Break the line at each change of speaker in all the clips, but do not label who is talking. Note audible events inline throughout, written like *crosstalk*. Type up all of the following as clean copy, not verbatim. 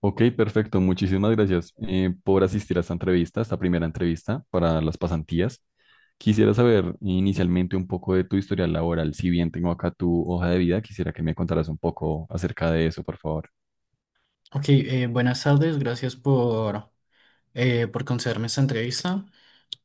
Ok, perfecto. Muchísimas gracias por asistir a esta entrevista, esta primera entrevista para las pasantías. Quisiera saber inicialmente un poco de tu historial laboral. Si bien tengo acá tu hoja de vida, quisiera que me contaras un poco acerca de eso, por favor.
Ok, buenas tardes, gracias por concederme esta entrevista.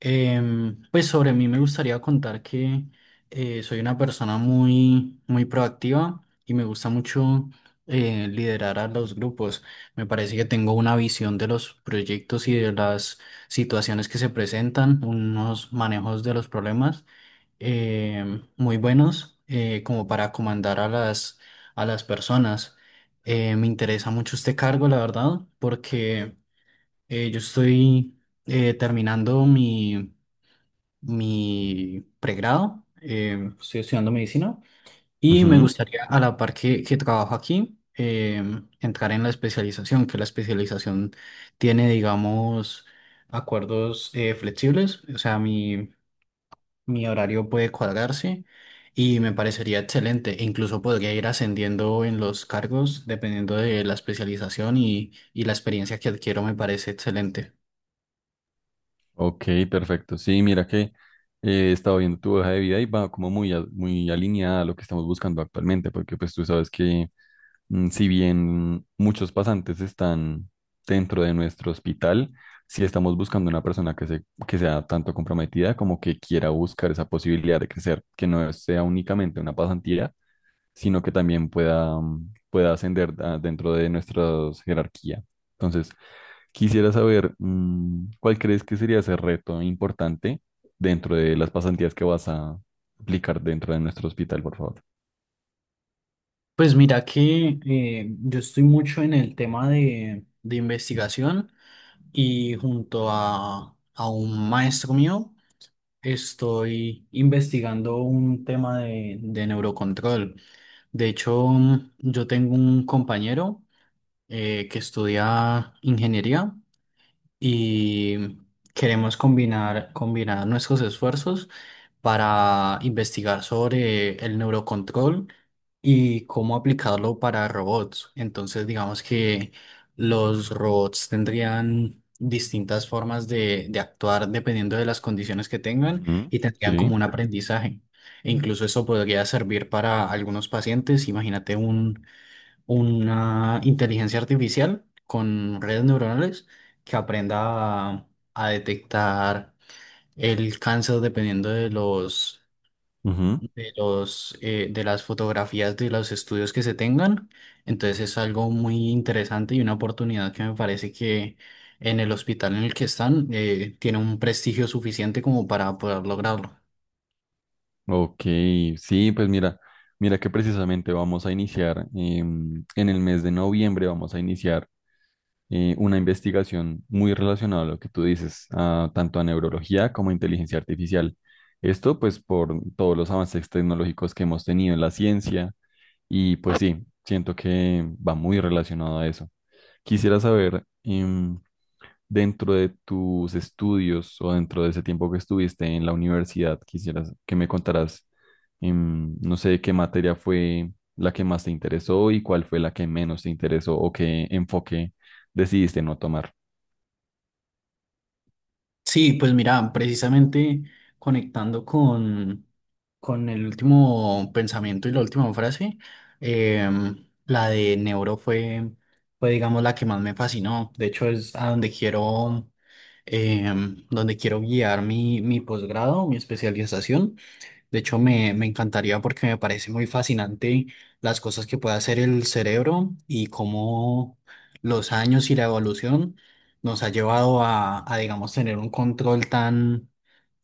Pues sobre mí me gustaría contar que soy una persona muy, muy proactiva y me gusta mucho liderar a los grupos. Me parece que tengo una visión de los proyectos y de las situaciones que se presentan, unos manejos de los problemas eh, muy buenos como para comandar a las personas. Me interesa mucho este cargo, la verdad, porque yo estoy terminando mi pregrado, estoy estudiando medicina y me
Ujú.
gustaría a la par que trabajo aquí. Entrar en la especialización, que la especialización tiene, digamos, acuerdos flexibles. O sea, mi horario puede cuadrarse y me parecería excelente. E incluso podría ir ascendiendo en los cargos dependiendo de la especialización y la experiencia que adquiero me parece excelente.
Ok, perfecto. Sí, mira que estaba viendo tu hoja de vida y va como muy, muy alineada a lo que estamos buscando actualmente, porque pues tú sabes que, si bien muchos pasantes están dentro de nuestro hospital, sí estamos buscando una persona que sea tanto comprometida como que quiera buscar esa posibilidad de crecer, que no sea únicamente una pasantía, sino que también pueda, pueda ascender dentro de nuestra jerarquía. Entonces, quisiera saber, ¿cuál crees que sería ese reto importante dentro de las pasantías que vas a aplicar dentro de nuestro hospital, por favor?
Pues mira que yo estoy mucho en el tema de investigación y junto a un maestro mío estoy investigando un tema de neurocontrol. De hecho, yo tengo un compañero, que estudia ingeniería y queremos combinar nuestros esfuerzos para investigar sobre el neurocontrol y cómo aplicarlo para robots. Entonces, digamos que los robots tendrían distintas formas de actuar dependiendo de las condiciones que tengan
Ujú,
y
sí.
tendrían como un aprendizaje. E incluso eso podría servir para algunos pacientes. Imagínate un una inteligencia artificial con redes neuronales que aprenda a, a detectar el cáncer dependiendo de las fotografías de los estudios que se tengan. Entonces es algo muy interesante y una oportunidad que me parece que en el hospital en el que están tiene un prestigio suficiente como para poder lograrlo.
Ok, sí, pues mira, que precisamente vamos a iniciar en el mes de noviembre, vamos a iniciar una investigación muy relacionada a lo que tú dices, tanto a neurología como a inteligencia artificial. Esto pues por todos los avances tecnológicos que hemos tenido en la ciencia y pues sí, siento que va muy relacionado a eso. Quisiera saber, dentro de tus estudios o dentro de ese tiempo que estuviste en la universidad, quisieras que me contaras, no sé, qué materia fue la que más te interesó y cuál fue la que menos te interesó o qué enfoque decidiste no tomar.
Sí, pues mira, precisamente conectando con el último pensamiento y la última frase, la de Neuro fue, digamos, la que más me fascinó. De hecho, es a donde donde quiero guiar mi posgrado, mi especialización. De hecho, me encantaría porque me parece muy fascinante las cosas que puede hacer el cerebro y cómo los años y la evolución nos ha llevado a, digamos, tener un control tan,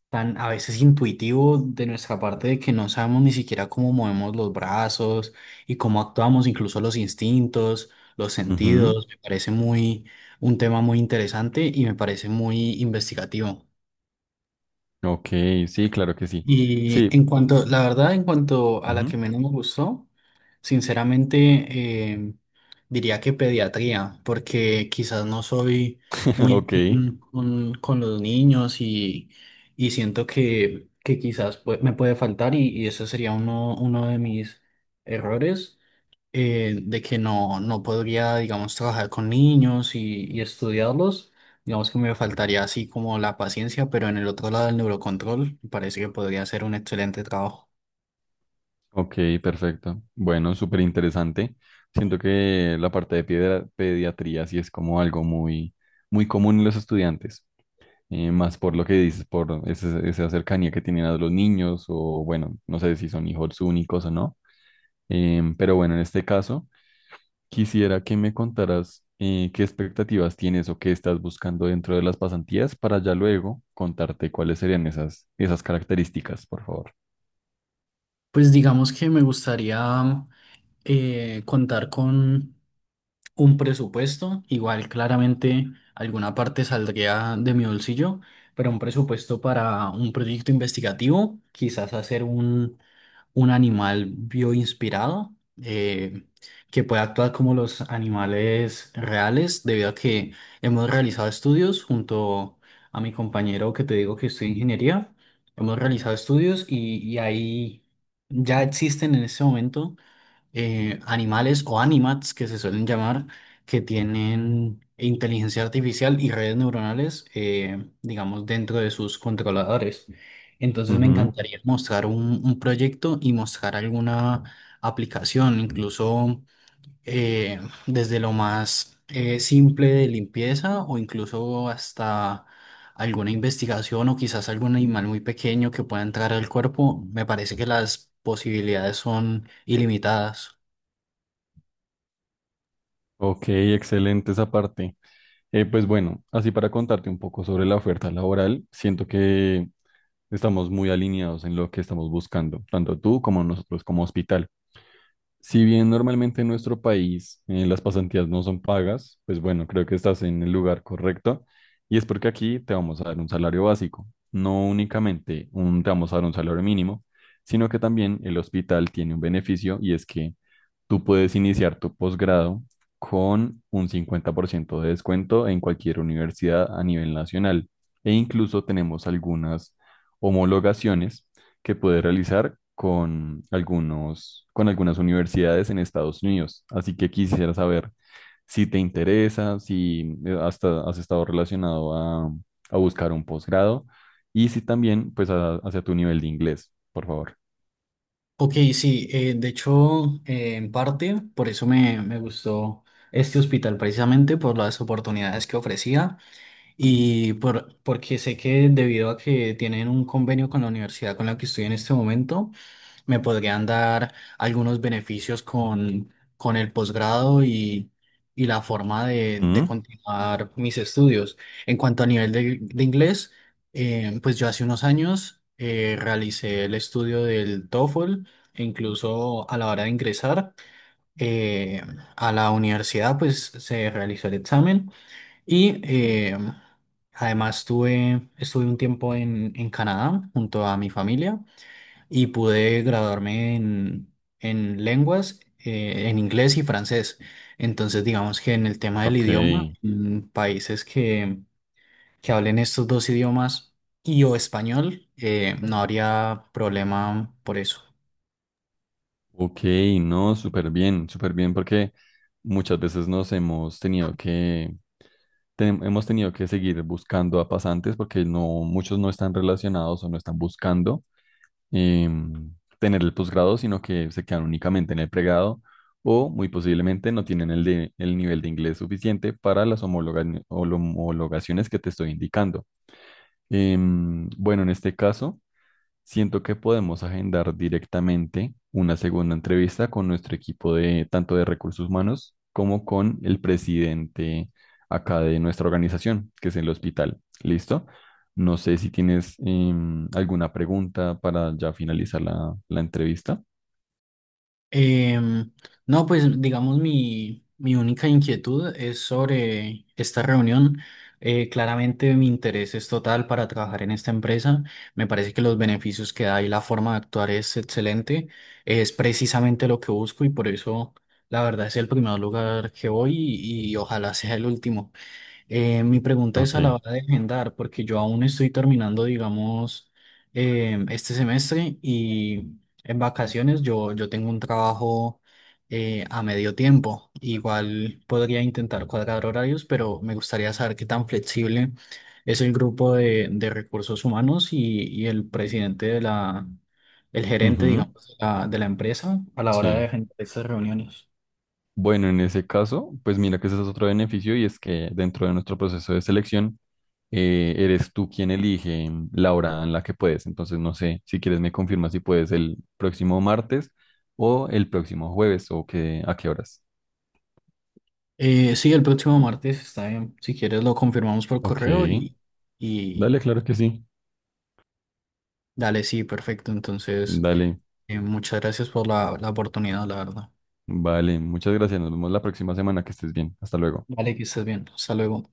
tan a veces intuitivo de nuestra parte de que no sabemos ni siquiera cómo movemos los brazos y cómo actuamos, incluso los instintos, los
Ujú.
sentidos. Me parece un tema muy interesante y me parece muy investigativo.
Ok, sí, claro que sí.
Y
Sí,
en cuanto, la verdad, en cuanto a la
ujú.
que menos me gustó, sinceramente eh, diría que pediatría, porque quizás no soy
*laughs*
muy
Ok,
afín con los niños y siento que quizás me puede faltar y ese sería uno de mis errores de que no podría, digamos, trabajar con niños y estudiarlos. Digamos que me faltaría así como la paciencia, pero en el otro lado del neurocontrol parece que podría ser un excelente trabajo.
ok, perfecto. Bueno, súper interesante. Siento que la parte de pediatría sí es como algo muy, muy común en los estudiantes. Eh, más por lo que dices, por esa cercanía que tienen a los niños o bueno, no sé si son hijos únicos o no. Em, pero bueno, en este caso, quisiera que me contaras qué expectativas tienes o qué estás buscando dentro de las pasantías para ya luego contarte cuáles serían esas características, por favor.
Pues digamos que me gustaría contar con un presupuesto, igual claramente alguna parte saldría de mi bolsillo, pero un presupuesto para un proyecto investigativo, quizás hacer un animal bioinspirado eh, que puede actuar como los animales reales, debido a que hemos realizado estudios junto a mi compañero que te digo que estudia ingeniería. Hemos realizado estudios y ahí ya existen en este momento, animales o animats que se suelen llamar, que tienen inteligencia artificial y redes neuronales, digamos, dentro de sus controladores. Entonces me
Ujú.
encantaría mostrar un proyecto y mostrar alguna aplicación, incluso eh, desde lo más simple de limpieza o incluso hasta alguna investigación o quizás algún animal muy pequeño que pueda entrar al cuerpo. Me parece que las posibilidades son ilimitadas.
Ok, excelente esa parte. Pues bueno, así para contarte un poco sobre la oferta laboral, siento que estamos muy alineados en lo que estamos buscando, tanto tú como nosotros como hospital. Si bien normalmente en nuestro país las pasantías no son pagas, pues bueno, creo que estás en el lugar correcto y es porque aquí te vamos a dar un salario básico, no únicamente un, te vamos a dar un salario mínimo, sino que también el hospital tiene un beneficio y es que tú puedes iniciar tu posgrado con un 50% de descuento en cualquier universidad a nivel nacional e incluso tenemos algunas homologaciones que puede realizar con con algunas universidades en Estados Unidos. Así que quisiera saber si te interesa, si hasta has estado relacionado a buscar un posgrado y si también, pues, hacia tu nivel de inglés, por favor.
Ok, sí, de hecho, en parte, por eso me gustó este hospital, precisamente por las oportunidades que ofrecía. Y porque sé que debido a que tienen un convenio con la universidad con la que estoy en este momento, me podrían dar algunos beneficios con el posgrado y la forma de
Ujú.
continuar mis estudios. En cuanto a nivel de inglés, pues yo hace unos años realicé el estudio del TOEFL e incluso a la hora de ingresar eh, a la universidad, pues se realizó el examen. Y además estuve un tiempo en Canadá junto a mi familia y pude graduarme en lenguas, en inglés y francés. Entonces, digamos que en el tema del
Ok,
idioma, en países que hablen estos dos idiomas y o español, no habría problema por eso.
ok, no, súper bien, porque muchas veces nos hemos tenido hemos tenido que seguir buscando a pasantes porque no, muchos no están relacionados o no están buscando eh, tener el posgrado, sino que se quedan únicamente en el pregrado o muy posiblemente no tienen el nivel de inglés suficiente para las homologaciones que te estoy indicando. Em, bueno, en este caso... Siento que podemos agendar directamente una segunda entrevista con nuestro equipo de tanto de recursos humanos como con el presidente acá de nuestra organización, que es el hospital. ¿Listo? No sé si tienes alguna pregunta para ya finalizar la entrevista.
Em, no, pues digamos mi única inquietud es sobre esta reunión. Claramente mi interés es total para trabajar en esta empresa. Me parece que los beneficios que da y la forma de actuar es excelente. Es precisamente lo que busco y por eso la verdad es el primer lugar que voy y ojalá sea el último. Mi pregunta es
Ok.
a la hora de agendar, porque yo aún estoy terminando, digamos, este semestre y en vacaciones yo tengo un trabajo a medio tiempo. Igual podría intentar cuadrar horarios, pero me gustaría saber qué tan flexible es el grupo de recursos humanos y el presidente de el gerente,
Ujú,
digamos, de la empresa a la hora de
sí.
agendar estas reuniones.
Bueno, en ese caso, pues mira que ese es otro beneficio y es que dentro de nuestro proceso de selección eres tú quien elige la hora en la que puedes. Entonces, no sé, si quieres me confirmas si puedes el próximo martes o el próximo jueves o qué a qué horas.
Sí, el próximo martes está bien. Si quieres lo confirmamos por
Ok,
correo y
dale, claro que sí.
dale, sí, perfecto. Entonces,
Dale,
muchas gracias por la oportunidad, la verdad.
vale, muchas gracias. Nos vemos la próxima semana, que estés bien. Hasta luego.
Vale, que estés bien. Hasta luego.